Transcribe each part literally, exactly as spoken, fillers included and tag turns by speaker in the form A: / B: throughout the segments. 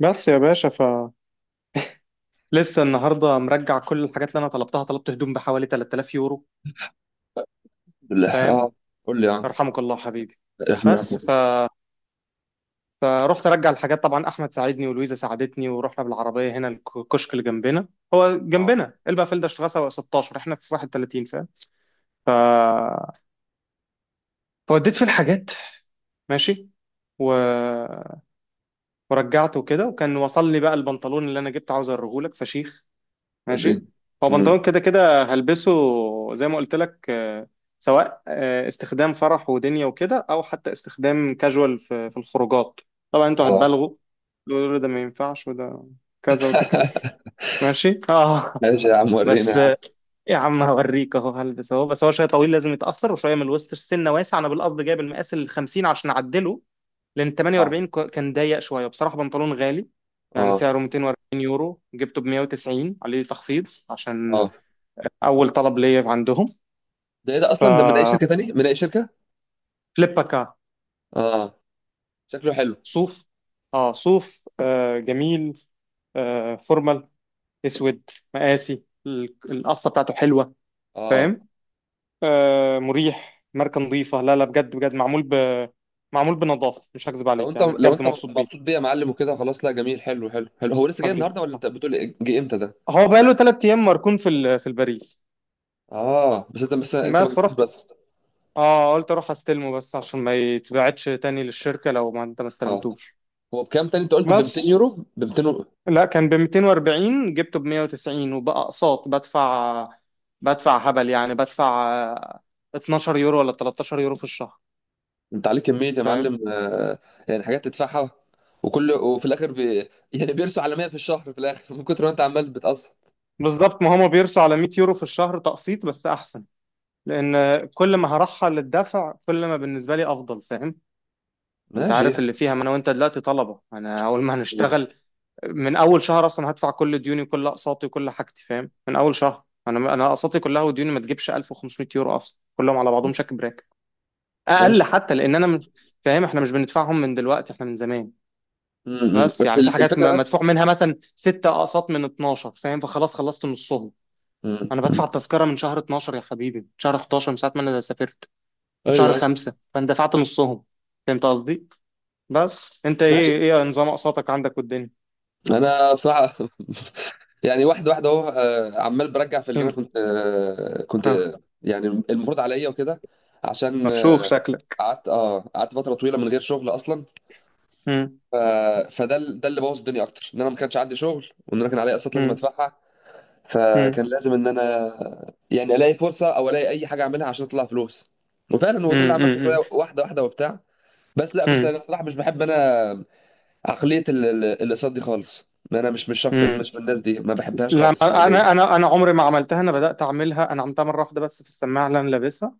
A: بس يا باشا، ف لسه النهارده مرجع كل الحاجات اللي انا طلبتها. طلبت هدوم بحوالي 3000 يورو.
B: بالله. اه،
A: فاهم؟
B: قول لي اه.
A: يرحمك الله حبيبي.
B: احنا.
A: بس ف فرحت ارجع الحاجات. طبعا احمد ساعدني ولويزا ساعدتني، ورحنا بالعربيه هنا الكشك اللي جنبنا. هو
B: اه،
A: جنبنا البافيل ده، شتغسه ستاشر، احنا في واحد وتلاتين. فاهم؟ ف فوديت في الحاجات. ماشي. و... ورجعت وكده، وكان وصل لي بقى البنطلون اللي انا جبته. عاوز اوريهولك، فشيخ. ماشي.
B: وريني.
A: هو
B: امم
A: بنطلون كده كده هلبسه، زي ما قلت لك. آه، سواء آه، استخدام فرح ودنيا وكده، او حتى استخدام كاجوال في في الخروجات. طبعا انتوا
B: اه.
A: هتبالغوا، تقولوا ده ما ينفعش، وده كذا وده كذا. ماشي، اه.
B: ماشي يا عم، ورينا يا
A: بس
B: عم.
A: آه، يا عم هوريك اهو، هلبس اهو. بس هو شويه طويل، لازم يتاثر وشويه من الوسط. السنه واسع، انا بالقصد جايب المقاس ال خمسين عشان اعدله، لان
B: اه،
A: تمنية واربعين ك- كان ضيق شويه. بصراحه بنطلون غالي، يعني
B: اه،
A: سعره 240 يورو، جبته ب مية وتسعين، عليه تخفيض عشان
B: اه.
A: اول طلب ليا عندهم.
B: ده ايه ده اصلا؟ ده من اي
A: ف
B: شركة تاني؟ من اي شركة؟
A: فليبكا.
B: اه، شكله حلو.
A: صوف. اه، صوف، آه جميل. آه فورمال، اسود، مقاسي. ال- القصه بتاعته حلوه.
B: اه،
A: فاهم؟ آه، مريح، ماركه نظيفه. لا لا، بجد بجد، معمول ب معمول بنظافه. مش هكذب
B: لو
A: عليك،
B: انت
A: يعني
B: لو
A: بجد
B: انت
A: مبسوط بيه.
B: مبسوط بيه يا معلم وكده، خلاص. لا، جميل حلو حلو حلو. هو لسه جاي
A: حبيبي،
B: النهارده ولا
A: آه،
B: انت بتقول إيه؟ جه امتى ده؟
A: هو بقاله ثلاث ايام مركون في ال- في البريد.
B: اه، بس انت بس انت ما
A: بس
B: جبتوش
A: فرحت،
B: بس.
A: اه، قلت اروح استلمه بس عشان ما يتبعتش تاني للشركه لو ما انت ما
B: اه،
A: استلمتوش.
B: هو بكام تاني؟ انت قلت ب مئتين
A: بس
B: يورو، ب مئتين؟
A: لا، كان ب ميتين واربعين، جبته ب مية وتسعين، وبقى اقساط بدفع بدفع هبل. يعني بدفع آه، 12 يورو ولا 13 يورو في الشهر.
B: انت عليك كميه يا
A: فاهم؟
B: معلم، آه، يعني حاجات تدفعها. وكل وفي الاخر بي يعني بيرسوا على مية في الشهر في الاخر، من كتر ما انت عمال بتقسط.
A: بالظبط، ما هما بيرسوا على 100 يورو في الشهر، تقسيط بس احسن. لان كل ما هرحل الدفع كل ما بالنسبه لي افضل. فاهم؟ انت
B: ماشي
A: عارف
B: يعني.
A: اللي فيها، ما انا وانت دلوقتي طلبه. انا اول ما هنشتغل من اول شهر اصلا هدفع كل ديوني وكل اقساطي وكل حاجتي. فاهم؟ من اول شهر، انا انا اقساطي كلها وديوني ما تجيبش 1500 يورو اصلا كلهم على بعضهم. شكل اقل
B: ماشي.
A: حتى لان انا م- فاهم؟ احنا مش بندفعهم من دلوقتي، احنا من زمان.
B: م- م.
A: بس
B: بس
A: يعني في
B: ال-
A: حاجات
B: الفكره
A: م-
B: بس.
A: مدفوع منها، مثلا ستة اقساط من اتناشر. فاهم؟ فخلاص، خلصت نصهم.
B: م-
A: انا
B: م.
A: بدفع التذكره من شهر اتناشر يا حبيبي، من شهر حداشر، من ساعه ما انا سافرت، من
B: ايوه،
A: شهر
B: ايوه.
A: خمسة. فانا دفعت نصهم، فهمت قصدي؟ بس انت
B: ماشي.
A: ايه، ايه نظام اقساطك عندك والدنيا؟
B: انا بصراحه، يعني واحده واحده اهو، آه، عمال برجع في اللي انا
A: فهمت.
B: كنت، آه، كنت
A: ها،
B: آه، يعني المفروض عليا وكده، عشان
A: مفشوخ
B: آه،
A: شكلك.
B: قعدت اه، قعدت فتره طويله من غير شغل اصلا.
A: مم.
B: ف- فده ال- ده اللي بوظ الدنيا اكتر، ان انا ما كانش عندي شغل وان انا كان عليا قسط لازم
A: مم.
B: ادفعها. فكان
A: مم.
B: لازم ان انا يعني الاقي فرصه او الاقي اي حاجه اعملها عشان اطلع فلوس. وفعلا هو ده اللي
A: مم.
B: عملته، شويه
A: مم.
B: واحده واحده وبتاع. بس لا، بس
A: مم.
B: انا بصراحه مش بحب انا عقليه ال- ال- الاقساط دي خالص. انا مش مش شخص
A: مم.
B: مش من الناس دي، ما بحبهاش
A: لا،
B: خالص
A: ما- انا
B: يعني.
A: انا انا عمري ما عملتها. انا بدات اعملها، انا عملتها مره واحده بس في السماعه اللي انا لابسها.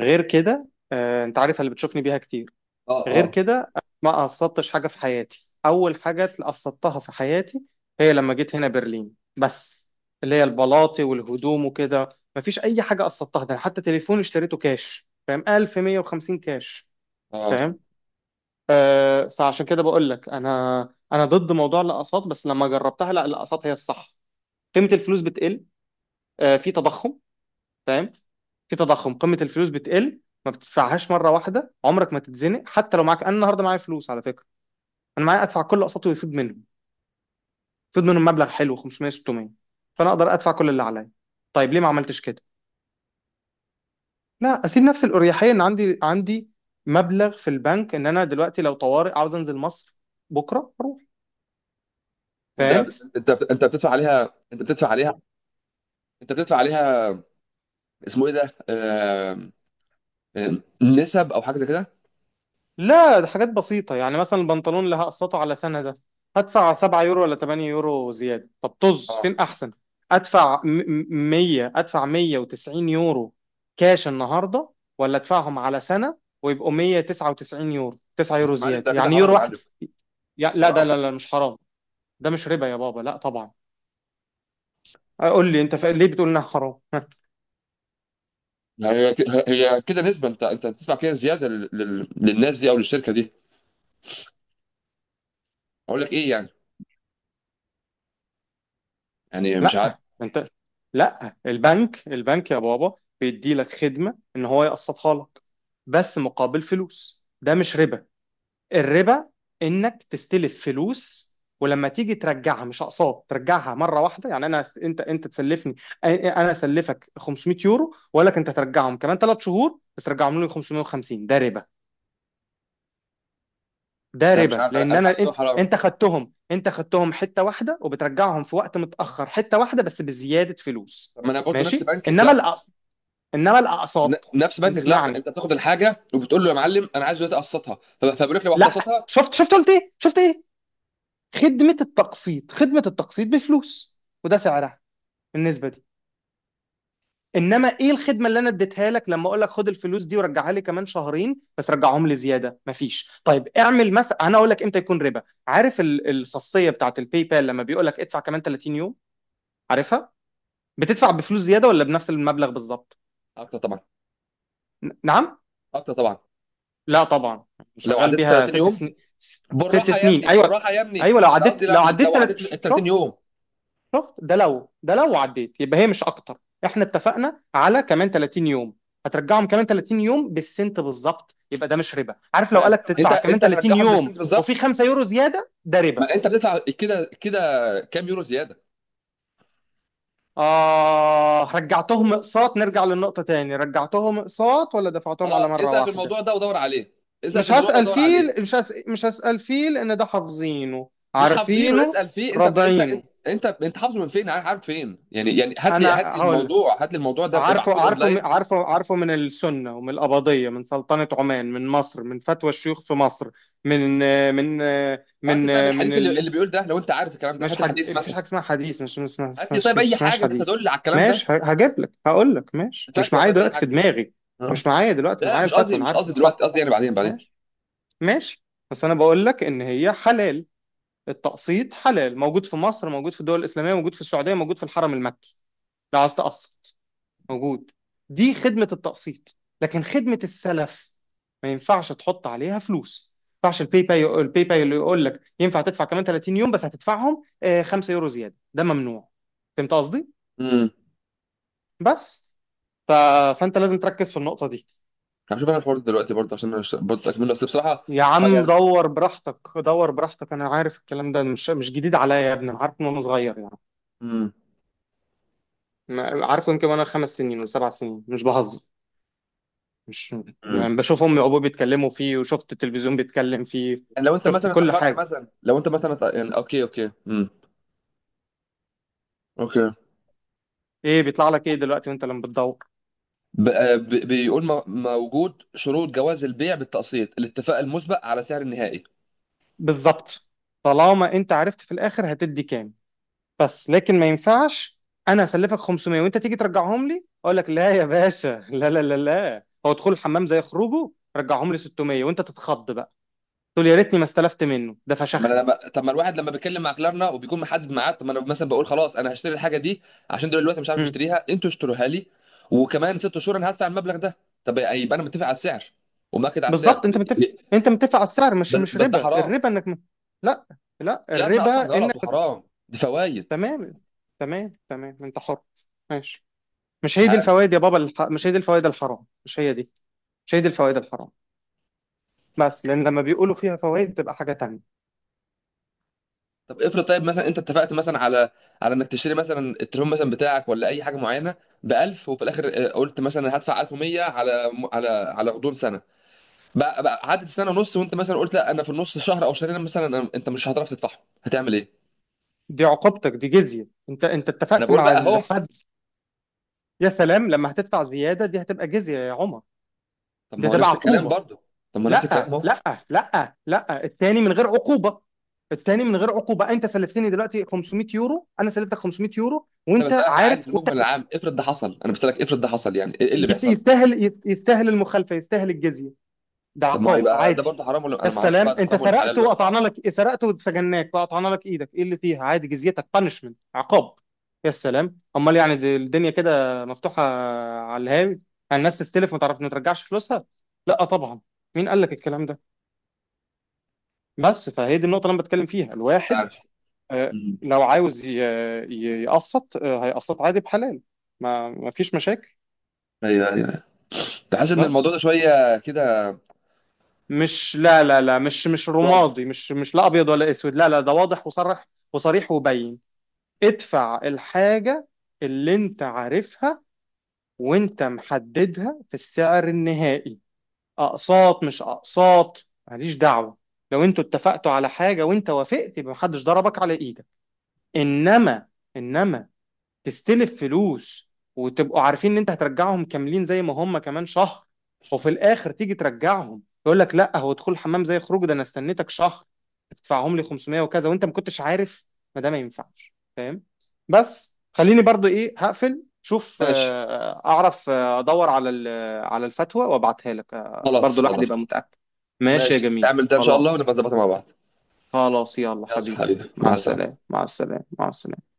A: غير كده، آه، انت عارف اللي بتشوفني بيها كتير.
B: اه،
A: غير
B: اه،
A: كده ما قصدتش حاجه في حياتي. اول حاجه قصدتها في حياتي هي لما جيت هنا برلين بس، اللي هي البلاطي والهدوم وكده. مفيش اي حاجه قصدتها، ده أنا حتى تليفون اشتريته كاش، فاهم؟ الف ومية وخمسين كاش.
B: اه.
A: فاهم؟ آه. فعشان كده بقول لك، انا انا ضد موضوع الاقساط. بس لما جربتها، لا، الاقساط هي الصح. قيمه الفلوس بتقل، آه، في تضخم. فاهم؟ في تضخم، قيمه الفلوس بتقل، ما بتدفعهاش مره واحده، عمرك ما تتزنق. حتى لو معاك، انا النهارده معايا فلوس على فكره. انا معايا ادفع كل اقساطي ويفيض منهم، يفيض منهم مبلغ حلو، خمسمئة، ستمية. فانا اقدر ادفع كل اللي عليا. طيب ليه ما عملتش كده؟ لا، اسيب نفس الاريحيه ان عندي عندي مبلغ في البنك، ان انا دلوقتي لو طوارئ عاوز انزل مصر بكره اروح.
B: وانت
A: فاهم؟
B: انت انت بتدفع عليها، انت بتدفع عليها انت بتدفع عليها. اسمه ايه ده آه... آه، نسب او حاجه زي كده.
A: لا، ده حاجات بسيطة. يعني مثلا البنطلون اللي هقسطه على سنة ده، هدفع 7 يورو ولا 8 يورو زيادة. طب طز،
B: اه،
A: فين أحسن؟ أدفع م- م- مية، أدفع 190 يورو كاش النهاردة، ولا أدفعهم على سنة ويبقوا 199 يورو، 9
B: بس
A: يورو
B: يا معلم، ده
A: زيادة،
B: كده
A: يعني
B: حرام
A: يورو
B: يا
A: واحد.
B: معلم.
A: يا- لا ده،
B: حرام.
A: لا لا، مش حرام. ده مش ربا يا بابا، لا طبعا. قول لي أنت، ف- ليه بتقول إنها حرام؟
B: يعني هي ك- هي كده نسبه، انت انت بتدفع كده زياده لل- لل- للناس دي او للشركه دي. اقول لك ايه يعني؟ يعني مش عارف.
A: لا انت، لا، البنك البنك يا بابا بيدي لك خدمة ان هو يقسطها لك بس مقابل فلوس، ده مش ربا. الربا انك تستلف فلوس، ولما تيجي ترجعها مش اقساط، ترجعها مره واحده. يعني انا، انت انت تسلفني، انا اسلفك 500 يورو، واقول لك انت ترجعهم كمان ثلاث شهور بس رجعهم لي خمسمية وخمسين، ده ربا. ده
B: انا مش
A: ربا
B: عارف، انا
A: لان
B: انا حاسس
A: انا،
B: ان هو
A: انت
B: حرام.
A: انت خدتهم، انت خدتهم حته واحده، وبترجعهم في وقت متاخر حته واحده بس بزياده فلوس.
B: طب ما انا برضه نفس
A: ماشي.
B: بنك
A: انما
B: كلارنا.
A: الاقساط، انما
B: ن-
A: الاقساط
B: نفس
A: انت
B: بنك كلارنا،
A: اسمعني.
B: انت بتاخد الحاجه وبتقول له يا معلم انا عايز دلوقتي اقسطها. فب- فبيقول لك لو
A: لا.
B: هتقسطها
A: شفت شفت قلت ايه؟ شفت ايه؟ خدمه التقسيط، خدمه التقسيط بفلوس، وده سعرها، النسبه دي. انما ايه الخدمه اللي انا اديتها لك لما اقول لك خد الفلوس دي ورجعها لي كمان شهرين بس رجعهم لي زياده؟ مفيش. طيب اعمل مثلا، انا اقول لك امتى يكون ربا. عارف ال- الخاصيه بتاعت الباي بال لما بيقول لك ادفع كمان 30 يوم، عارفها؟ بتدفع بفلوس زياده ولا بنفس المبلغ بالظبط؟
B: اكتر طبعا،
A: ن- نعم
B: اكتر طبعا.
A: لا طبعا.
B: لو
A: شغال
B: عديت ال
A: بيها
B: تلاتين
A: ست
B: يوم،
A: سنين، س- ست
B: بالراحه يا
A: سنين.
B: ابني،
A: ايوه،
B: بالراحه يا ابني،
A: ايوه، لو
B: انا
A: عديت
B: قصدي لو
A: لو عديت
B: لو
A: ثلاث.
B: عديت ال تلاتين
A: شفت
B: يوم.
A: شفت ده، لو ده، لو عديت يبقى هي مش اكتر. احنا اتفقنا على كمان 30 يوم، هترجعهم كمان 30 يوم بالسنت بالظبط، يبقى ده مش ربا. عارف لو
B: فاهم؟
A: قالك
B: انت
A: تدفع كمان
B: انت
A: 30
B: هترجعهم
A: يوم
B: بالسنت
A: وفي
B: بالظبط،
A: 5 يورو زياده، ده ربا.
B: ما انت بتدفع كده كده. كام يورو زياده؟
A: آه، رجعتهم اقساط؟ نرجع للنقطة تاني. رجعتهم اقساط ولا دفعتهم على
B: خلاص،
A: مرة
B: اسال في
A: واحدة؟
B: الموضوع ده ودور عليه. اسال في
A: مش
B: الموضوع ده
A: هسأل
B: ودور
A: فيه،
B: عليه.
A: مش هس... مش هسأل فيه، لأن ده حافظينه
B: مش حافظينه،
A: عارفينه
B: اسال فيه. انت بت... انت انت
A: راضعينه.
B: انت انت حافظه من فين؟ عارف عارف فين يعني؟ يعني هات لي
A: أنا
B: هات لي
A: هقول لك،
B: الموضوع، هات لي الموضوع ده،
A: عارفه
B: ابعته لي
A: عارفه م-
B: اونلاين.
A: عارفه عارفه من السنة ومن القبضية، من سلطنة عمان، من مصر، من فتوى الشيوخ في مصر. من من
B: وهات
A: من
B: لي طيب
A: من
B: الحديث اللي, اللي
A: ال...
B: بيقول ده، لو انت عارف الكلام ده
A: مش
B: هات لي
A: حد...
B: الحديث مثلا.
A: مفيش حاجة اسمها حديث. مش مش مش
B: هات لي
A: مش-
B: طيب
A: مش
B: اي
A: اسمهاش
B: حاجه
A: حديث.
B: بتدل على الكلام
A: ماشي،
B: ده،
A: ه- هجيب لك، هقول لك، ماشي. مش
B: فتوى،
A: معايا
B: طيب اي
A: دلوقتي في
B: حاجه.
A: دماغي.
B: آه.
A: مش معايا دلوقتي،
B: لا
A: أنا
B: لا،
A: معايا
B: مش
A: الفتوى،
B: قصدي
A: أنا
B: مش
A: عارف
B: قصدي دلوقتي،
A: الصح.
B: قصدي يعني بعدين، بعدين.
A: ماشي، ماشي. بس أنا بقول لك إن هي حلال. التقسيط حلال، موجود في مصر، موجود في الدول الإسلامية، موجود في السعودية، موجود في الحرم المكي. لو عايز تقسط، موجود. دي خدمة التقسيط، لكن خدمة السلف ما ينفعش تحط عليها فلوس. ما ينفعش الباي باي، الباي باي اللي يقول لك ينفع تدفع كمان 30 يوم بس هتدفعهم آه، 5 يورو زيادة، ده ممنوع. فهمت قصدي؟
B: امم.
A: بس ف... فانت لازم تركز في النقطة دي.
B: هشوف انا الحوار ده دلوقتي برضه، عشان أنا برضه اكمله، بس بصراحه.
A: يا
B: ح-
A: عم
B: يعني.
A: دور براحتك، دور براحتك. انا عارف الكلام ده، مش مش جديد عليا يا ابني، انا عارف من وانا صغير يعني.
B: امم
A: ما- عارفه، يمكن وانا خمس سنين ولا سبع سنين، مش بهزر. مش
B: امم
A: يعني بشوف امي وابوي بيتكلموا فيه، وشفت التلفزيون بيتكلم فيه،
B: يعني لو انت
A: شفت
B: مثلا
A: كل
B: اتاخرت،
A: حاجه.
B: مثلا لو انت مثلا اتأ- يعني اوكي، اوكي، امم اوكي.
A: ايه بيطلع لك، ايه دلوقتي وانت لما بتدور؟
B: ب- ب- بيقول م- موجود شروط جواز البيع بالتقسيط، الاتفاق المسبق على سعر النهائي.
A: بالظبط. طالما انت عرفت في الاخر هتدي كام، بس لكن ما ينفعش انا اسلفك خمسمئة وانت تيجي ترجعهم لي اقول لك لا يا باشا لا لا لا لا، هو دخول الحمام زي خروجه، رجعهم لي ستمية، وانت تتخض بقى تقول يا ريتني ما استلفت منه ده
B: طب ما انا
A: فشخني.
B: لما طب ما الواحد لما بيتكلم مع كلارنا وبيكون محدد معاه، طب ما انا مثلا بقول خلاص انا هشتري الحاجه دي عشان دلوقتي مش عارف اشتريها، انتوا اشتروها لي، وكمان ست شهور انا هدفع المبلغ ده. طب يبقى انا متفق على السعر ومأكد على السعر.
A: بالظبط،
B: طب
A: انت
B: ي-
A: متفق انت متفق على السعر، مش
B: بس
A: مش
B: بس ده
A: ربا.
B: حرام،
A: الربا انك م... لا لا،
B: كلارنا
A: الربا
B: اصلا غلط
A: انك.
B: وحرام، دي فوائد.
A: تمام، تمام، تمام، انت حر. ماشي. مش
B: مش
A: هي دي
B: عارف.
A: الفوائد يا بابا. الح... مش هي دي الفوائد الحرام، مش هي دي. مش هي دي الفوائد الحرام، بس لان لما بيقولوا فيها فوائد بتبقى حاجه تانية.
B: طب افرض، طيب مثلا انت اتفقت مثلا على، على انك تشتري مثلا التليفون مثلا بتاعك ولا اي حاجه معينه، ب ألف، وفي الاخر اه، قلت مثلا هدفع ألف ومية على على على غضون سنه. بقى, بقى عدت سنه ونص، وانت مثلا قلت لا، انا في النص شهر او شهرين مثلا انا- انت مش هتعرف تدفعهم، هتعمل ايه؟
A: دي عقوبتك، دي جزيه، انت انت
B: انا
A: اتفقت
B: بقول بقى
A: مع
B: اهو.
A: حد. يا سلام، لما هتدفع زياده دي هتبقى جزيه يا عمر،
B: طب
A: دي
B: ما هو
A: هتبقى
B: نفس الكلام
A: عقوبه.
B: برضه، طب ما هو نفس الكلام
A: لا
B: اهو.
A: لا. لا لا، التاني من غير عقوبة، التاني من غير عقوبة. انت سلفتني دلوقتي 500 يورو، انا سلفتك 500 يورو،
B: انا
A: وانت
B: بسالك عادي
A: عارف
B: في
A: وانت.
B: المجمل العام، افرض ده حصل، انا بسالك افرض ده حصل، يعني ايه إيه اللي
A: يت-
B: بيحصل؟
A: يستاهل، يت- يستاهل المخالفة، يستاهل الجزية. ده
B: طب ما هو
A: عقاب
B: يبقى ده
A: عادي.
B: برضه حرام، ولا
A: يا
B: انا ما اعرفش بقى
A: السلام،
B: ده
A: انت
B: حرام ولا
A: سرقت
B: حلال بقى؟
A: وقطعنا لك، سرقت وسجناك وقطعنا لك ايدك، ايه اللي فيها؟ عادي، جزيتك، بانشمنت، عقاب. يا السلام، امال يعني د- الدنيا كده مفتوحة على الهاوي، الناس تستلف ما تعرف ما ترجعش فلوسها. لا طبعا. مين قال لك الكلام ده؟ بس فهي دي النقطة اللي أنا بتكلم فيها.
B: مش
A: الواحد،
B: عارف.
A: آه،
B: مم.
A: لو عاوز ي- ي- يقسط، آه، هيقسط عادي بحلال، ما ما فيش مشاكل.
B: ايوه، ايوه، تحس ان الموضوع
A: بس
B: ده شويه كده.
A: مش، لا لا لا، مش مش رمادي، مش مش لا أبيض ولا أسود. لا لا، ده واضح وصرح وصريح وبين. ادفع الحاجة اللي أنت عارفها وأنت محددها في السعر النهائي. أقساط مش أقساط، ماليش دعوة. لو أنتوا اتفقتوا على حاجة وأنت وافقت، يبقى محدش ضربك على إيدك. إنما إنما تستلف فلوس وتبقوا عارفين ان انت هترجعهم كاملين زي ما هم كمان شهر، وفي الاخر تيجي ترجعهم يقول لك لا هو دخول حمام زي خروج ده، انا استنيتك شهر تدفعهم لي خمسمئة وكذا، وانت ما كنتش عارف، ما ده ما ينفعش. فاهم؟ بس خليني برضو ايه هقفل شوف.
B: ماشي،
A: آه، آه، اعرف، آه، ادور على ال- آه، على الفتوى وابعتها لك، آه،
B: خلاص،
A: برضو الواحد
B: خلاص.
A: يبقى متأكد. ماشي يا
B: ماشي،
A: جميل،
B: اعمل ده ان شاء الله
A: خلاص
B: ونبقى نظبطها مع بعض.
A: خلاص. يلا
B: يلا
A: حبيبي،
B: حبيبي،
A: مع
B: مع
A: السلامة،
B: السلامة.
A: مع السلامة، مع السلامة.